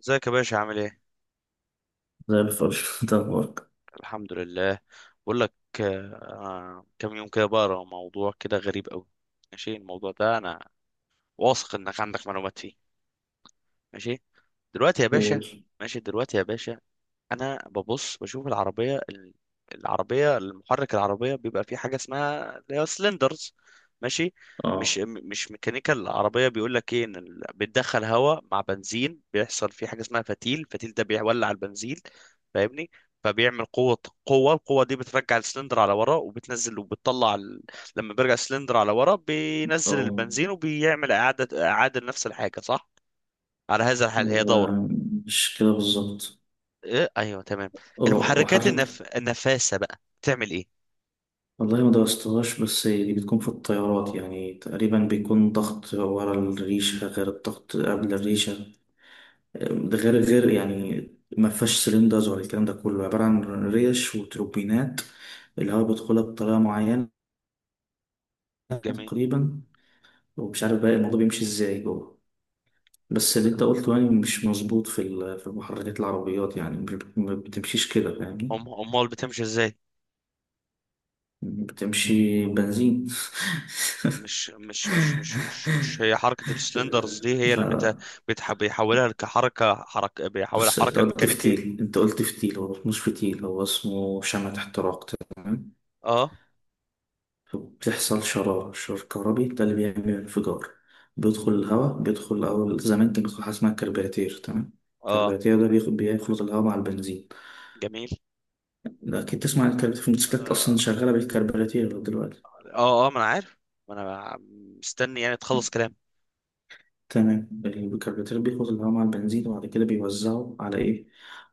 ازيك يا باشا عامل ايه؟ زي الفل انت اخبارك. الحمد لله. بقول لك، كم يوم كده بقرا موضوع كده غريب قوي. ماشي، الموضوع ده انا واثق انك عندك معلومات فيه. ماشي دلوقتي يا باشا. قول. ماشي دلوقتي يا باشا، انا ببص بشوف العربيه، المحرك العربيه بيبقى فيه حاجه اسمها اللي هي سلندرز. ماشي، اه. مش ميكانيكا العربيه بيقول لك ايه، ان بتدخل هواء مع بنزين، بيحصل فيه حاجه اسمها فتيل، الفتيل ده بيولع البنزين، فاهمني؟ فبيعمل قوه، القوه دي بترجع السلندر على ورا، وبتنزل وبتطلع لما بيرجع السلندر على ورا بينزل اه البنزين، وبيعمل اعاده، نفس الحاجه صح؟ على هذا الحال هي هو دوره. مش كده بالظبط. إيه؟ ايوه تمام. اه المحركات محرك. النف... النفاثة بقى بتعمل ايه؟ والله ما درستهاش، بس هي بتكون في الطيارات يعني. تقريبا بيكون ضغط ورا الريشة غير الضغط قبل الريشة. ده غير يعني، ما فيهاش سلندرز ولا الكلام ده، كله عبارة عن ريش وتروبينات. الهواء بيدخلها بطريقة معينة جميل. تقريبا. ومش عارف بقى الموضوع بيمشي ازاي جوه. بس اللي انت قلته يعني مش مظبوط في في محركات العربيات، يعني مش بت- ما بتمشيش كده، فاهمني؟ امال بتمشي ازاي؟ بتمشي بنزين. مش هي حركة السلندرز دي هي اللي بت... لا بتح... بيحولها كحركة، بيحولها بص، انت حركة قلت الميكانيكية. فتيل، انت قلت فتيل، هو مش فتيل، هو اسمه شمعة احتراق، تمام؟ اه، فبتحصل شرارة، شرار كهربي، ده اللي بيعمل انفجار. بيدخل الهواء، بيدخل. أول زمان كان بيدخل حاجة اسمها كربيراتير، تمام. اه، الكربيراتير ده بيخلط الهواء مع البنزين. جميل. أكيد تسمع عن الكربيراتير، في الموتوسيكلات أصلا اه، شغالة بالكربيراتير دلوقتي. اه، ما انا عارف، ما انا مستني يعني تخلص كلام. تمام، الكربوراتير بياخد الهواء مع البنزين، وبعد كده بيوزعه على ايه؟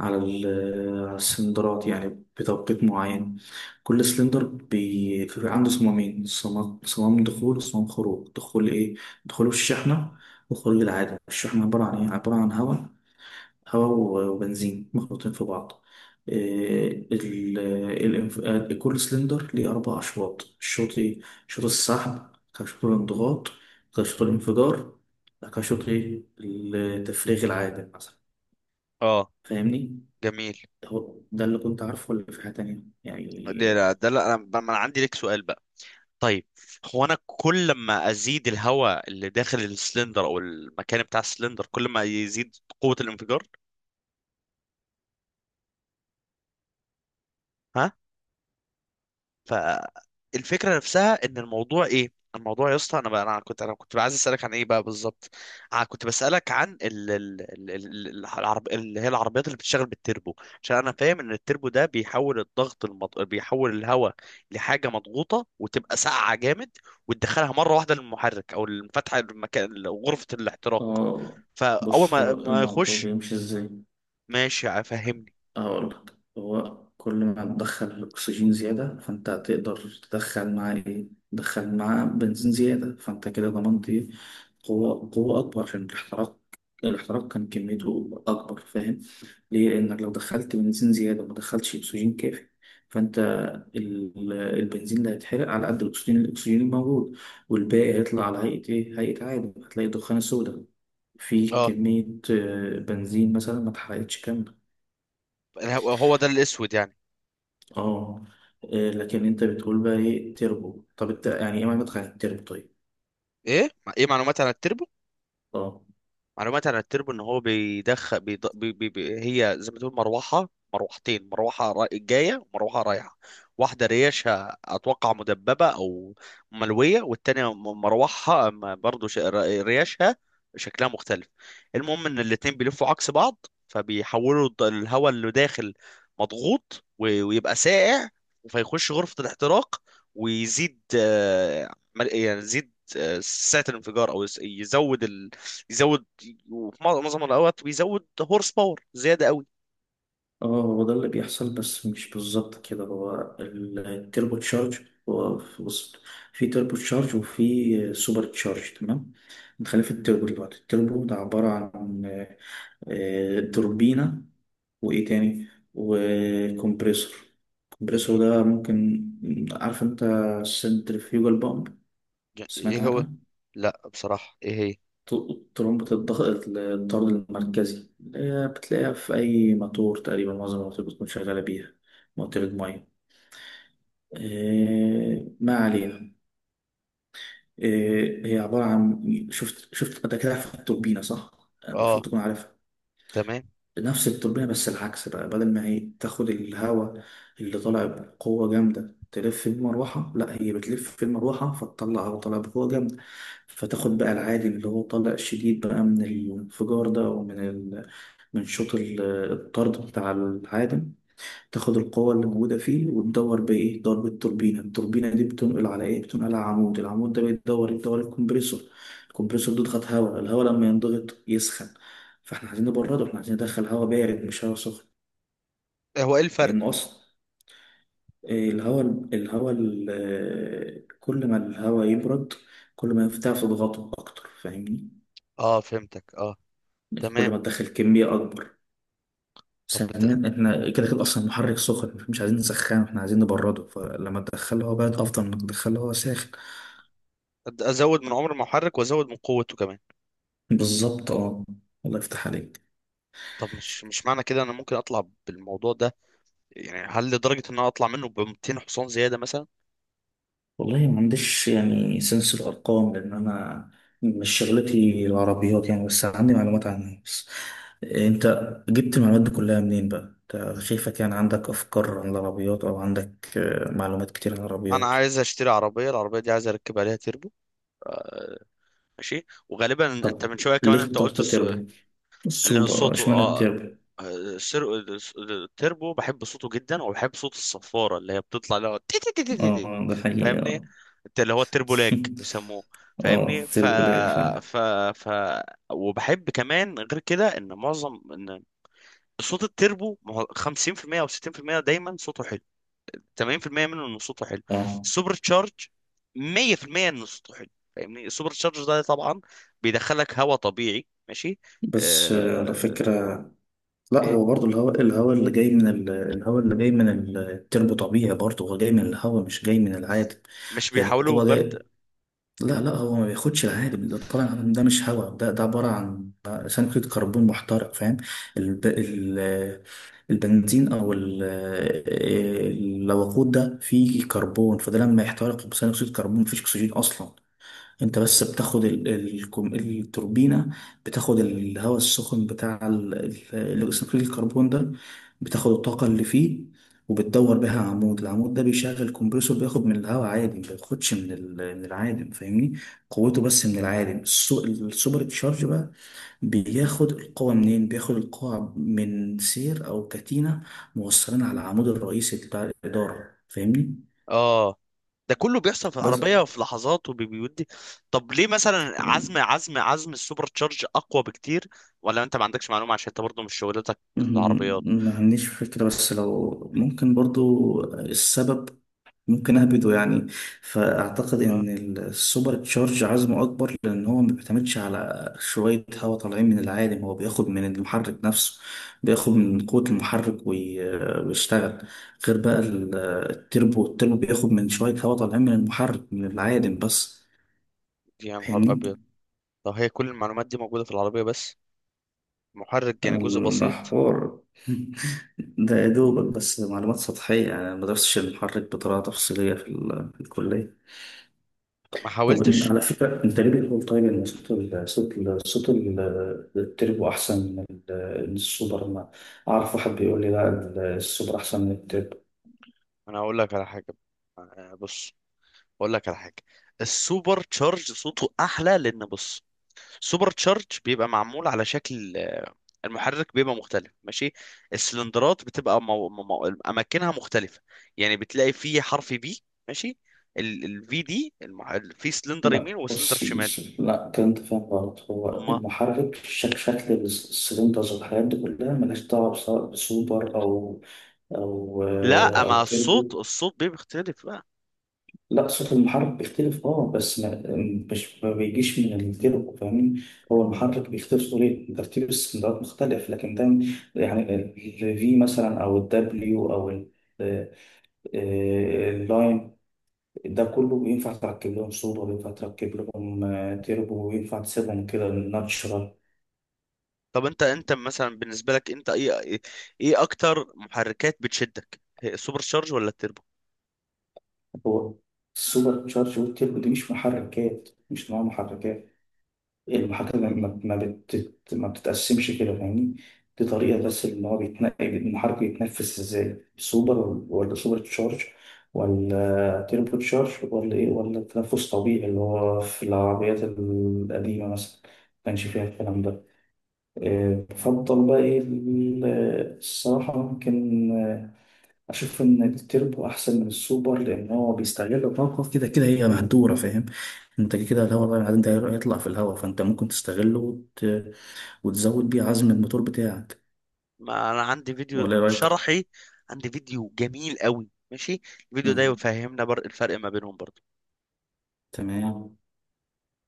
على على السلندرات، يعني بتوقيت معين. كل سلندر عنده صمامين، صمام صمام دخول وصمام خروج. دخول ايه؟ دخوله الشحنة. وخروج العادة. الشحنة عبارة عن ايه؟ عبارة عن هواء، هواء وبنزين مخلوطين في بعض. آه، ال- كل سلندر ليه أربع أشواط. الشوط إيه؟ شوط السحب، كان شوط الانضغاط، كان شوط الانفجار، كان شوط إيه؟ التفريغ العادل مثلا. اه فاهمني؟ جميل. هو ده اللي كنت عارفه، ولا في حاجة تانية ده يعني؟ ده لا انا، ما انا عندي لك سؤال بقى. طيب، هو انا كل ما ازيد الهواء اللي داخل السلندر او المكان بتاع السلندر، كل ما يزيد قوة الانفجار، ها؟ فالفكرة نفسها ان الموضوع ايه، الموضوع يا اسطى، انا كنت عايز اسالك عن ايه بقى بالظبط. انا كنت بسالك عن اللي هي العربيات اللي بتشتغل بالتربو، عشان انا فاهم ان التربو ده بيحول الضغط بيحول الهواء لحاجه مضغوطه، وتبقى ساقعه جامد، وتدخلها مره واحده للمحرك، او المفتحه المكان غرفه الاحتراق. آه فاول بص، ما هو الموضوع يخش. بيمشي إزاي؟ ماشي فهمني. هقول لك. هو كل ما تدخل أكسجين زيادة، فأنت هتقدر تدخل معاه إيه؟ تدخل معاه بنزين زيادة. فأنت كده ضمنت إيه؟ قوة، قوة أكبر عشان الاحتراق. الاحتراق كان كميته أكبر، فاهم؟ ليه؟ لأنك لو دخلت بنزين زيادة وما دخلتش أكسجين كافي، فأنت البنزين اللي هيتحرق على قد الأكسجين، الأكسجين الموجود، والباقي هيطلع على هيئة إيه؟ هيئة عادم. هتلاقي الدخان السوداء، في اه، كمية بنزين مثلا ما اتحرقتش كاملة. هو ده الاسود يعني؟ اه. إيه، لكن انت بتقول بقى ايه تربو. طب انت يعني ايه معنى تخيل تربو؟ طيب. ايه، ايه معلومات عن التربو؟ اه. معلومات عن التربو، ان هو بيدخل بيض... بي... بي... بي... هي زي ما تقول مروحه، مروحتين، جايه ومروحه رايحه، واحده ريشها اتوقع مدببه او ملويه، والتانيه مروحها برضو ريشها شكلها مختلف. المهم ان الاتنين بيلفوا عكس بعض، فبيحولوا الهواء اللي داخل مضغوط، ويبقى سائع، فيخش غرفه الاحتراق، ويزيد يعني يزيد سعه الانفجار، او يزود، يزود وفي معظم الاوقات بيزود هورس باور زياده قوي. اه هو ده اللي بيحصل بس مش بالظبط كده. هو التربو تشارج، هو بص، في تربو تشارج وفي سوبر تشارج، تمام؟ نخلي في التربو دلوقتي. التربو ده عبارة عن توربينة، وايه تاني؟ وكمبريسور. الكمبريسور جميل. ده ممكن، عارف انت السنترفيوجال بامب؟ سمعت ايه هو؟ عنها؟ لا بصراحه ايه هي؟ طرمبة الضغط الطرد المركزي، اللي هي بتلاقيها في أي موتور تقريبا. معظم المواتير بتكون شغالة بيها، موتير المية. إيه، ما علينا. إيه، هي عبارة عن. شفت شفت أنت كده، عارف التوربينة صح؟ اه المفروض تكون عارفها. تمام. نفس التوربينة بس العكس بقى. بدل ما هي تاخد الهواء اللي طالع بقوة جامدة تلف بيه المروحة، لا، هي بتلف في المروحة فتطلع هواء طالع بقوة جامدة. فتاخد بقى العادي اللي هو طالع شديد بقى من الانفجار ده، ومن ال من شوط الطرد بتاع العادم. تاخد القوة اللي موجودة فيه وتدور بإيه؟ تدور بالتوربينة. التوربينة دي بتنقل على إيه؟ بتنقل على عمود. العمود ده بيدور يدور الكمبريسور. الكمبريسور ده يضغط هواء. الهواء لما ينضغط يسخن، فإحنا عايزين نبرده. إحنا عايزين ندخل هواء بارد مش هواء سخن، إيه هو، ايه الفرق؟ لأن أصلا إيه، الهواء كل ما الهواء يبرد، كل ما ينفتح تضغطه أكتر، فاهمني؟ اه فهمتك، اه يعني تمام. كل ما تدخل كمية أكبر. طب بت- ثانيا، احنا كده كده اصلا المحرك سخن، مش عايزين نسخنه، احنا عايزين نبرده. فلما تدخله هو بارد، افضل ما تدخله هو ساخن. ازود من عمر المحرك وازود من قوته كمان. بالظبط اه. الله يفتح عليك. طب مش مش معنى كده انا ممكن اطلع بالموضوع ده، يعني هل لدرجه ان انا اطلع منه ب 200 حصان زياده مثلا؟ والله ما عنديش يعني سنس الارقام، لان انا مش شغلتي العربيات يعني، بس عندي معلومات عنها بس. انت جبت المعلومات دي كلها منين بقى؟ انت شايفك يعني عندك افكار عن العربيات، او عندك معلومات كتير عن انا العربيات. عايز اشتري عربيه، العربيه دي عايز اركب عليها تيربو، ماشي. وغالبا انت من شويه كمان ليه انت قلت، اخترت تربو؟ لأن السوبر صوته اشمعنى اه، التربو؟ السر... التربو بحب صوته جدا، وبحب صوت الصفارة اللي هي بتطلع، اللي هو تي تي تي تي تي تي. اه ده حقيقي فاهمني؟ آه. اللي هو التربو لاج بيسموه. اه فاهمني؟ ف... طير البراق فعلا. ف... ف وبحب كمان غير كده ان معظم ان صوت التربو ما هو 50% او 60% دايما صوته حلو، 80% منه انه صوته حلو. اه السوبر تشارج 100% انه صوته حلو، فاهمني؟ السوبر تشارج ده طبعا بيدخلك هواء طبيعي، ماشي. بس على آه، فكرة، لا إيه؟ هو برضو الهواء، الهواء اللي جاي من الهواء اللي جاي من التربو طبيعي برضو، هو جاي من الهواء مش جاي من العادم. مش هي بيحاولوا القوة برد؟ جاي. لا لا، هو ما بياخدش العادم. اللي طالع من العادم ده مش هواء، ده ده عبارة عن ثاني كربون محترق، فاهم؟ الب... ال... البنزين او الوقود ده فيه كربون، فده لما يحترق بثاني اكسيد كربون، مفيش اكسجين اصلا. انت بس بتاخد التوربينة، بتاخد الهواء السخن بتاع ثاني اكسيد الكربون ده، بتاخد الطاقة اللي فيه وبتدور بيها عمود. العمود ده بيشغل كومبريسور، بياخد من الهواء عادي، ما بياخدش من من العادم، فاهمني؟ قوته بس من العادم. السوبر تشارج بقى بياخد القوة منين؟ بياخد القوة من سير او كتينة موصلين على العمود الرئيسي بتاع الإدارة، فاهمني؟ اه. ده كله بيحصل في بس. العربية في لحظات، وبيودي. طب ليه مثلا عزم السوبر تشارج اقوى بكتير؟ ولا انت ما عندكش معلومة عشان انت برضه مش شغلتك في العربيات. مم، ما عنديش فكرة، بس لو ممكن برضو السبب، ممكن أهبده يعني. فأعتقد اه إن السوبر تشارج عزمه أكبر لأن هو ما بيعتمدش على شوية هواء طالعين من العالم، هو بياخد من المحرك نفسه، بياخد من قوة المحرك ويشتغل. غير بقى التربو، التربو بياخد من شوية هواء طالعين من المحرك من العالم بس، يا نهار ابيض. فاهمني؟ طب هي كل المعلومات دي موجودة في العربية بس، محرك يعني جزء ده بسيط. حوار. ده يا دوبك بس معلومات سطحية يعني، أنا ما درستش المحرك بطريقة تفصيلية في الكلية. ما طب حاولتش. على فكرة، أنت ليه بتقول طيب إن صوت ال التربو أحسن من من السوبر؟ ما أعرف واحد بيقول لي لا السوبر أحسن من التربو. انا هقول لك على حاجة، بص اقول لك على حاجة، السوبر تشارج صوته احلى لان بص، سوبر تشارج بيبقى معمول على شكل المحرك بيبقى مختلف، ماشي. السلندرات بتبقى اماكنها مختلفه، يعني بتلاقي فيه حرف بي، ماشي. الفي دي في سلندر لا يمين وسلندر بص، شمال. لا كده أنت فاهم غلط. هو اما المحرك شكل السلندرز والحاجات دي كلها ملهاش دعوة بسوبر أو أو لا، ما أو تربو. الصوت، الصوت بيبقى بيختلف بقى. لا صوت المحرك بيختلف اه، بس ما بيجيش من التربو، فاهمني؟ هو المحرك بيختلف، طريقة ترتيب السلندرات مختلف، لكن ده يعني الفي مثلا او الدبليو او آه، اللاين، ده كله ينفع تركب لهم سوبر، ينفع تركب لهم تربو، وينفع تسيبهم كده ناتشرال. طب انت مثلا بالنسبه لك انت ايه، ايه اكتر محركات بتشدك، هي السوبر تشارج ولا التربو؟ هو السوبر تشارج والتربو دي مش محركات، مش نوع محركات. المحاكاة ما بتتقسمش كده فاهمني. دي طريقة بس اللي هو بيتنقل المحرك، بيتنفس ازاي، سوبر ولا سوبر تشارج ولا تيربو تشارج ولا ايه، ولا تنفس طبيعي اللي هو في العربيات القديمة مثلا ما كانش فيها الكلام ده. بفضل بقى ايه الصراحة، ممكن أشوف إن التربو أحسن من السوبر، لأن هو بيستغل طاقة كده كده هي مهدورة، فاهم؟ أنت كده كده الهواء طالع، بعدين ده هيطلع في الهواء، فأنت ممكن تستغله وتزود بيه عزم الموتور بتاعك، ما انا عندي فيديو ولا إيه رأيك؟ شرحي، عندي فيديو جميل قوي ماشي، الفيديو ده مم. يفهمنا الفرق ما بينهم برضه. تمام.